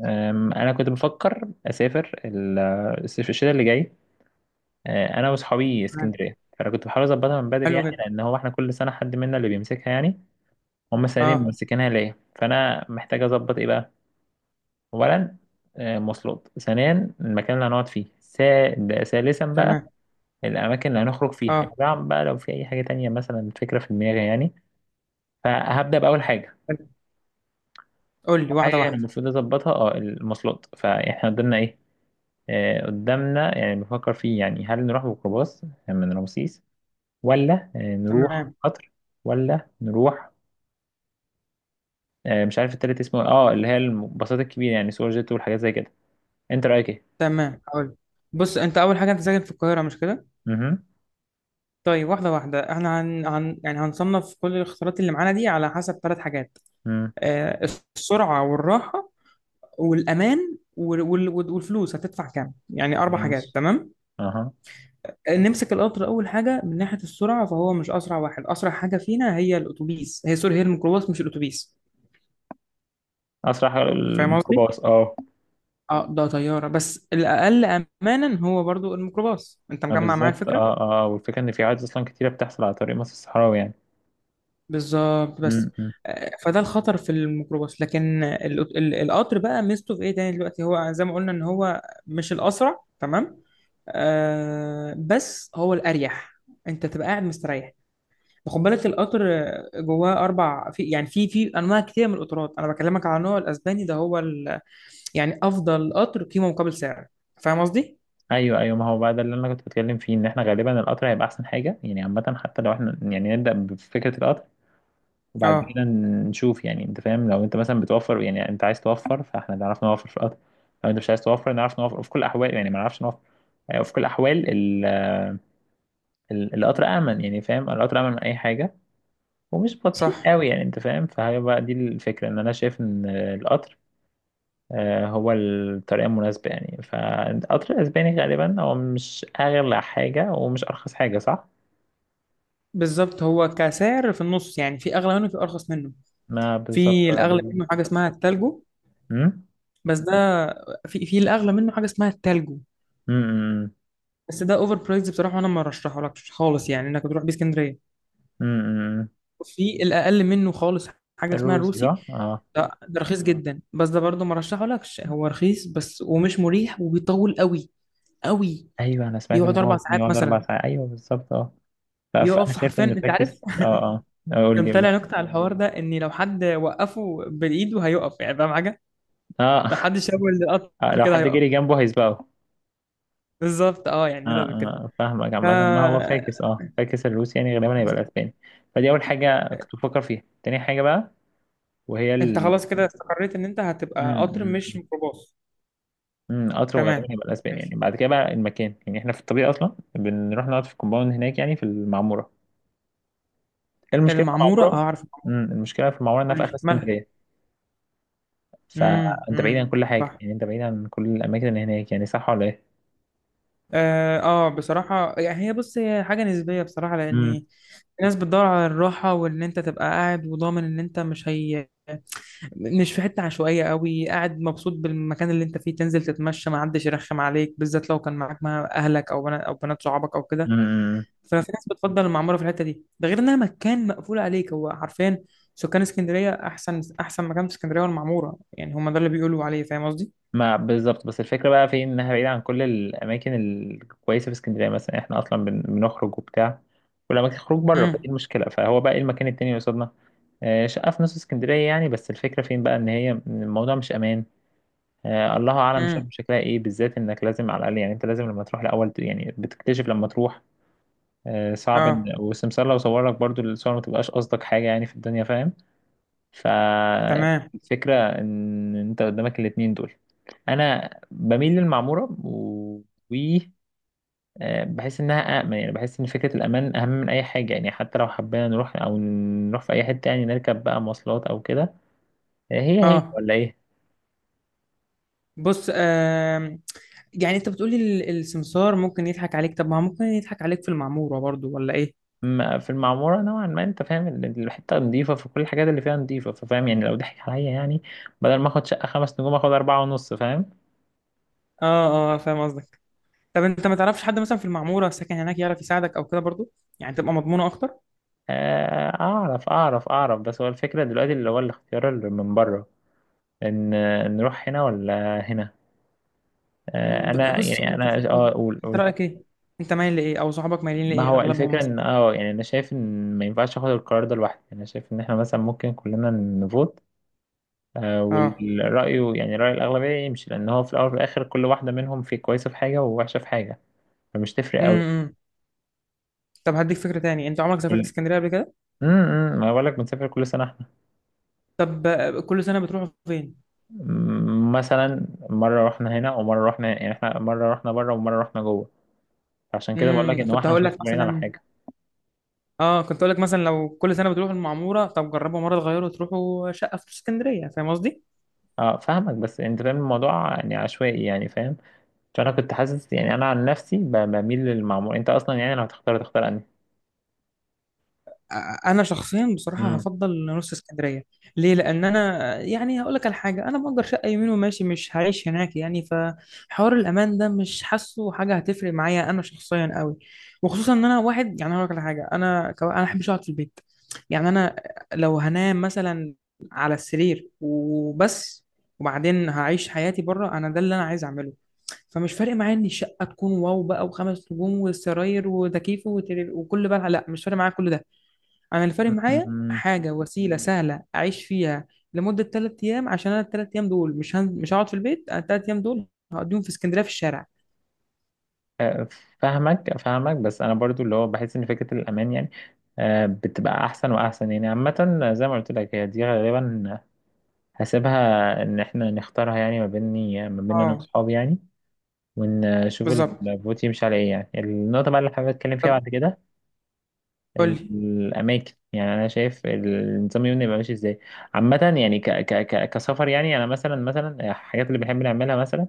انا كنت بفكر اسافر الصيف الشتاء اللي جاي. انا واصحابي تمام. اسكندريه، فانا كنت بحاول اظبطها من بدري، حلو يعني جدا. لان هو احنا كل سنه حد منا اللي بيمسكها يعني. هم السنه دي اه، ممسكينها ليا، فانا محتاج اظبط ايه بقى. اولا مواصلات، ثانيا المكان اللي هنقعد فيه، ثالثا بقى تمام. الاماكن اللي هنخرج فيها، اه، رابعا بقى لو في اي حاجه تانية، مثلا فكره في دماغي يعني. فهبدا باول حاجه. حلو. قول لي أول واحده حاجه انا واحده. المفروض اظبطها المواصلات، فاحنا قدامنا ايه؟ قدامنا يعني بفكر فيه، يعني هل نروح بميكروباص من رمسيس، ولا نروح تمام، قطر، ولا نروح، مش عارف التالت اسمه، اللي هي الباصات الكبيرة، يعني سوبر جيت والحاجات زي كده. انت رأيك ايه؟ تمام، هقول، بص، انت اول حاجه، انت ساكن في القاهره مش كده؟ اها. طيب، واحده واحده. احنا يعني هنصنف كل الاختيارات اللي معانا دي على حسب ثلاث حاجات. أمم. آه، السرعه والراحه والامان والفلوس هتدفع كام؟ يعني اربع حاجات. ماشي. تمام؟ اها. نمسك القطر اول حاجه. من ناحيه السرعه، فهو مش اسرع واحد. اسرع حاجه فينا هي الاتوبيس، هي، سوري، هي الميكروباص مش الاتوبيس. اسرع فاهم قصدي؟ الميكروباص، اه. اه، ده طيارة بس الأقل أمانا هو برضو الميكروباص. أنت ما مجمع معايا بالظبط، الفكرة؟ اه، اه، والفكرة ان في حوادث اصلا كتيرة بتحصل على طريق مصر الصحراوي يعني. بالظبط. بس أمم، أمم. فده الخطر في الميكروباص، لكن القطر بقى ميزته في إيه تاني دلوقتي؟ هو زي ما قلنا إن هو مش الأسرع، تمام؟ آه، بس هو الأريح. أنت تبقى قاعد مستريح. خد بالك، القطر جواه أربع في يعني في في أنواع كتير من القطارات. أنا بكلمك على النوع الأسباني، يعني أفضل قطر قيمة مقابل سعر. فاهم قصدي؟ ايوه، ايوه. ما هو بقى ده اللي انا كنت بتكلم فيه ان احنا غالبا القطر هيبقى احسن حاجة، يعني عامة حتى لو احنا يعني نبدأ بفكرة القطر. وبعد اه، كده نشوف، يعني انت فاهم، لو انت مثلا بتوفر، يعني انت عايز توفر، فاحنا نعرف نوفر في القطر. لو انت مش عايز توفر نعرف نوفر في كل الاحوال، يعني ما نعرفش نوفر. يعني في كل الاحوال القطر امن، يعني فاهم، القطر امن من اي حاجه. ومش بطيء صح. قوي، يعني انت فاهم، فهي بقى دي الفكره ان انا شايف ان القطر هو الطريقه المناسبه، يعني فالقطر الاسباني غالبا هو مش اغلى حاجه ومش ارخص حاجه، صح. بالظبط، هو كسعر في النص، يعني في اغلى منه، في ارخص منه. ما بالظبط في الاغلى غالبا. منه حاجه اسمها التالجو امم، بس ده في الاغلى منه حاجه اسمها التالجو. امم، بس ده اوفر برايز بصراحه، وانا ما رشحهولكش خالص يعني انك تروح بيه اسكندريه. امم. في الاقل منه خالص حاجه اسمها الروسي الروسي. صح، اه. ده رخيص جدا. بس ده برضه ما رشحهولكش، هو رخيص بس ومش مريح وبيطول قوي قوي. ايوه، انا سمعت ان بيقعد هو اربع ممكن ساعات يقعد اربع مثلا. ساعات ايوه بالظبط، اه. فانا بيقف شايف حرفيا، ان انت عارف؟ فاكس، اه، اه، قول كان لي، قول طالع لي، نكته على الحوار ده، ان لو حد وقفه بالايد وهيقف، يعني فاهم؟ اه. لو حد شاور القطر لو كده حد هيقف. جري جنبه هيسبقه. بالظبط، اه. اه، يعني إيه ده كده؟ اه، فاهمك ف... عامة، ما هو فاكس الروسي يعني غالبا هيبقى الاسباني. فدي اول حاجة كنت بفكر فيها. تاني حاجة بقى وهي انت ال خلاص كده استقريت ان انت هتبقى قطر امم مش ميكروباص. اطرو غالبا تمام. هيبقى الاسباني، يعني ماشي. بعد كده بقى المكان، يعني احنا في الطبيعي اصلا بنروح نقعد في الكومباوند هناك يعني في المعمورة. إيه المشكلة في المعمورة؟ المعمورة؟ اه، عارف المعمورة. المشكلة في المعمورة انها قول في اخر لي مالها. اسكندرية. فانت امم، بعيد امم. عن كل حاجه، صح، يعني انت بعيد عن كل الاماكن اللي هناك، يعني صح ولا ايه؟ اه. بصراحة يعني هي، بص، هي حاجة نسبية بصراحة، امم، لأن الناس بتدور على الراحة، وإن أنت تبقى قاعد وضامن إن أنت مش، هي مش في حتة عشوائية قوي، قاعد مبسوط بالمكان اللي انت فيه، تنزل تتمشى ما حدش يرخم عليك، بالذات لو كان معاك مع اهلك او بنات او بنات صحابك او كده. امم. ففي ناس بتفضل المعمورة في الحتة دي. ده غير انها مكان مقفول عليك. هو حرفيا سكان اسكندرية احسن احسن مكان في اسكندرية والمعمورة، يعني هم ده اللي بيقولوا عليه. فاهم قصدي؟ ما بالظبط، بس الفكره بقى في انها بعيده عن كل الاماكن الكويسه في اسكندريه، مثلا احنا اصلا بنخرج وبتاع. والاماكن خروج بره، فدي امم، المشكله. فهو بقى ايه المكان التاني اللي قصادنا؟ شقه في نص اسكندريه، يعني بس الفكره فين بقى ان هي الموضوع مش امان. الله اعلم شرم امم. شكلها ايه، بالذات انك لازم على الاقل، يعني انت لازم لما تروح الاول، يعني بتكتشف لما تروح. صعب اه، ان، والسمسار لو صور لك برضو الصور ما تبقاش قصدك حاجه يعني في الدنيا، فاهم. تمام. فالفكرة إن أنت قدامك الاتنين دول. أنا بميل للمعمورة و- بحس إنها أأمن، يعني بحس إن فكرة الأمان أهم من أي حاجة، يعني حتى لو حبينا نروح أو نروح في أي حتة يعني نركب بقى مواصلات أو كده. هي هي اه، ولا إيه؟ بص. يعني انت بتقولي السمسار ممكن يضحك عليك؟ طب ما هو ممكن يضحك عليك في المعمورة برضو، ولا ايه؟ أما في المعمورة نوعا ما أنت فاهم الحتة نضيفة، فكل الحاجات اللي فيها نضيفة، ففاهم يعني لو ضحك عليا يعني بدل ما آخد شقة خمس نجوم آخد أربعة ونص، فاهم؟ اه، اه، فاهم قصدك. طب انت ما تعرفش حد مثلا في المعموره ساكن هناك يعرف يساعدك او كده برضو؟ يعني تبقى مضمونه اكتر. أعرف أعرف أعرف، بس هو الفكرة دلوقتي اللي هو الاختيار اللي من بره ان نروح هنا ولا هنا؟ انا بص، هو يعني انت انا اقول، انت اقول. رايك ايه؟ انت مايل لايه او صحابك مايلين ما لايه هو اغلبهم الفكره ان مثلا؟ يعني انا شايف ان ما ينفعش اخد القرار ده لوحدي، انا شايف ان احنا مثلا ممكن كلنا نفوت. اه، والرأي يعني رأي الأغلبية يمشي، لأن هو في الأول وفي الآخر كل واحدة منهم في كويسة في حاجة ووحشة في حاجة. فمش تفرق أوي. امم. طب هديك فكره تاني، انت عمرك سافرت كل- اسكندريه قبل كده؟ إمم. ما بقولك بنسافر كل سنة احنا. طب كل سنه بتروحوا فين؟ مثلا مرة رحنا هنا ومرة رحنا، يعني احنا مرة رحنا بره ومرة رحنا جوه. عشان كده بقولك امم، إن هو احنا مش مستمرين على حاجة. كنت هقول لك مثلا، لو كل سنه بتروحوا المعموره، طب جربوا مره تغيروا تروحوا شقه في اسكندريه. فاهم قصدي؟ اه، فاهمك، بس انت فاهم الموضوع يعني عشوائي، يعني فاهم. عشان انا كنت حاسس يعني انا عن نفسي بميل للمعمول. انت اصلا يعني لو هتختار تختار انهي؟ انا شخصيا بصراحه مم. هفضل نص اسكندريه. ليه؟ لان انا، يعني هقول لك على حاجه، انا مأجر شقه يمين وماشي مش هعيش هناك يعني، فحوار الامان ده مش حاسه حاجه هتفرق معايا انا شخصيا قوي. وخصوصا ان انا واحد، يعني هقول لك على حاجه، انا انا احبش اقعد في البيت. يعني انا، لو هنام مثلا على السرير وبس، وبعدين هعيش حياتي بره، انا ده اللي انا عايز اعمله. فمش فارق معايا ان الشقه تكون واو بقى وخمس نجوم والسراير وتكييف وكل بقى، لا، مش فارق معايا كل ده. انا الفرق معايا مم. حاجه وسيله سهله اعيش فيها لمده 3 ايام، عشان انا الثلاث ايام دول مش هقعد في البيت. انا الثلاث ايام دول هقضيهم في اسكندريه في الشارع. فاهمك، فاهمك. بس انا برضو اللي هو بحس ان فكرة الامان يعني بتبقى احسن واحسن، يعني عامة زي ما قلت لك هي دي غالبا. هسيبها ان احنا نختارها، يعني ما بيني ما بين انا اه، واصحابي يعني. ونشوف بالظبط. الفوت يمشي على ايه. يعني النقطة بقى اللي حابب اتكلم فيها طب بعد كده قول لي. الاماكن، يعني انا شايف النظام اليومي يبقى ماشي ازاي. عامه يعني ك ك ك كسفر، يعني انا مثلا، مثلا الحاجات اللي بنحب نعملها مثلا.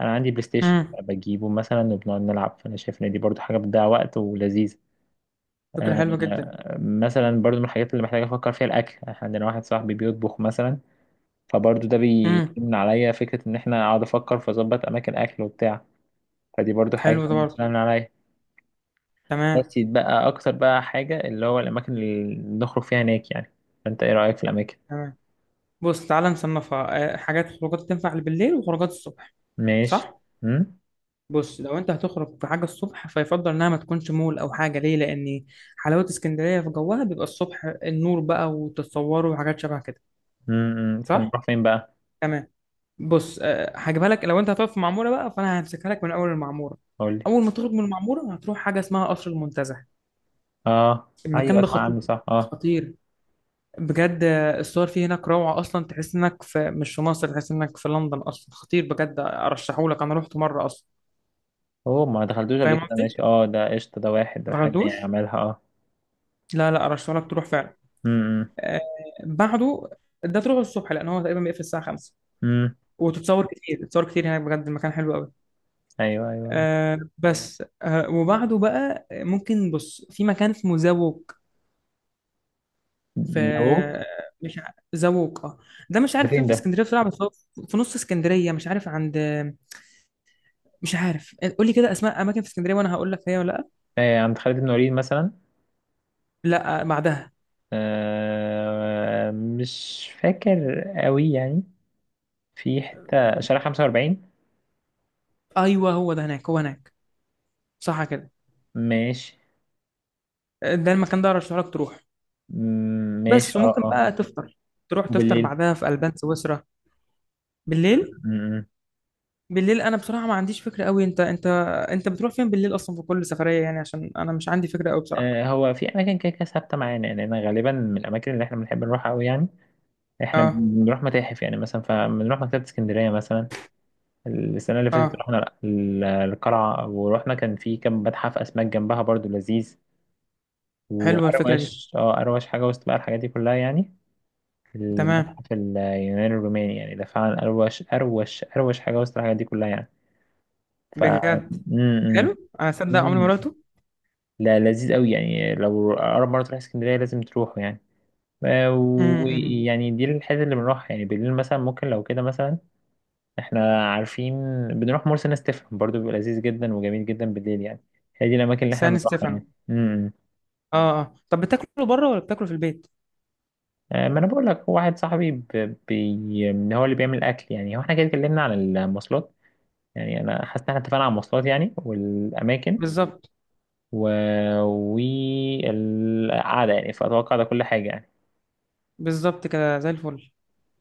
انا عندي بلاي ستيشن امم. بجيبه مثلا وبنقعد نلعب، فانا شايف ان دي برضو حاجه بتضيع وقت ولذيذه. فكره حلوه جدا. مثلا برضو من الحاجات اللي محتاجه افكر فيها الاكل، احنا عندنا واحد صاحبي بيطبخ مثلا. فبرضو ده امم. بيمنع عليا فكره ان احنا اقعد افكر فاظبط اماكن اكل وبتاع. فدي برضو حاجه حلو ده برضه. بتسهل عليا. تمام. بس يتبقى اكتر بقى حاجة اللي هو الاماكن اللي نخرج فيها هناك يعني. فانت ايه رأيك في الاماكن؟ تمام، بص تعالى نصنفها حاجات، خروجات تنفع بالليل وخروجات الصبح. ماشي. صح. امم، بص، لو انت هتخرج في حاجه الصبح، فيفضل انها ما تكونش مول او حاجه. ليه؟ لان حلاوه اسكندريه في جوها بيبقى الصبح، النور بقى وتتصوروا وحاجات شبه كده. امم. صح. فنروح فين بقى؟ تمام، بص هجيبها لك. لو انت هتقف في معموره بقى، فانا همسكها لك من اول المعموره. قول لي. اول ما تخرج من المعموره هتروح حاجه اسمها قصر المنتزه. اه، ايوه، المكان ده اسمع خطير. عنه صح، اه. خطير بجد. الصور فيه هناك روعه اصلا، تحس انك في، مش في مصر، تحس انك في لندن اصلا. خطير بجد، ارشحه لك، انا رحت مره اصلا. هو ما دخلتوش قبل فاهم كده، قصدي؟ ماشي، اه. ده قشطة. ده واحد ده ما حاجة غلطوش. يعني عملها، اه. لا، لا، ارشحه لك تروح فعلا. امم، آه، بعده ده تروح الصبح، لان هو تقريبا بيقفل الساعه 5. امم، وتتصور كتير، تتصور كتير هناك بجد، المكان حلو قوي. ايوه، ايوه. آه، بس آه، وبعده بقى ممكن، بص، في مكان اسمه زوق. نوك. في مش ع- زوق، اه. ده مش ده عارف فين فين في ده؟ اسكندريه بصراحه، بس هو في نص اسكندريه. مش عارف عند، مش عارف، قول لي كده اسماء اماكن في اسكندريه وانا هقول لك هي ولا لا. آه، عند خالد بن وليد مثلا. لا، بعدها. آه، مش فاكر قوي يعني، في حتة شارع 45. ايوه، هو ده هناك، هو هناك. صح كده. ماشي. ده المكان ده ارشح لك تروح. مم، ماشي. بس اه، وممكن آه. بقى تفطر وبالليل. بعدها في البان سويسرا. بالليل؟ م- بالليل انا بصراحه ما عنديش فكره قوي. انت بتروح فين بالليل اصلا في كل سفريه يعني؟ عشان انا مش عندي فكره قوي بصراحه. هو في اماكن كده كده ثابته معانا، يعني انا غالبا من الاماكن اللي احنا بنحب نروحها قوي يعني. احنا اه، بنروح متاحف يعني مثلا، فبنروح مكتبه اسكندريه مثلا. السنه اللي فاتت اه، رحنا القلعه، ورحنا كان في كم متحف اسماك جنبها برضو لذيذ. حلوه الفكره دي. واروش اه اروش حاجه وسط بقى الحاجات دي كلها يعني. تمام المتحف اليوناني الروماني، يعني ده فعلا اروش اروش اروش حاجه وسط الحاجات دي كلها يعني. ف بجد. م- م- حلو، انا صدق عمري ما م- رحته. لا، لذيذ قوي يعني. لو اقرب مره تروح اسكندريه لازم تروحوا يعني. آه، امم. ويعني دي الحتة اللي بنروح، يعني بالليل مثلا ممكن لو كده مثلا. احنا عارفين. بنروح مرسى نستفهم، برضو بيبقى لذيذ جدا وجميل جدا بالليل يعني. هي دي الأماكن اللي احنا سان بنروحها ستيفانو. يعني. امم، اه، اه، طب بتاكلوا بره ولا بتاكلوا في البيت؟ ما انا بقول لك واحد صاحبي هو اللي بيعمل اكل. يعني هو احنا كده اتكلمنا عن المواصلات، يعني انا حاسس ان احنا اتفقنا على المواصلات يعني والاماكن بالظبط. و... والقعده، يعني فاتوقع ده كل حاجه يعني. بالظبط كده زي الفل.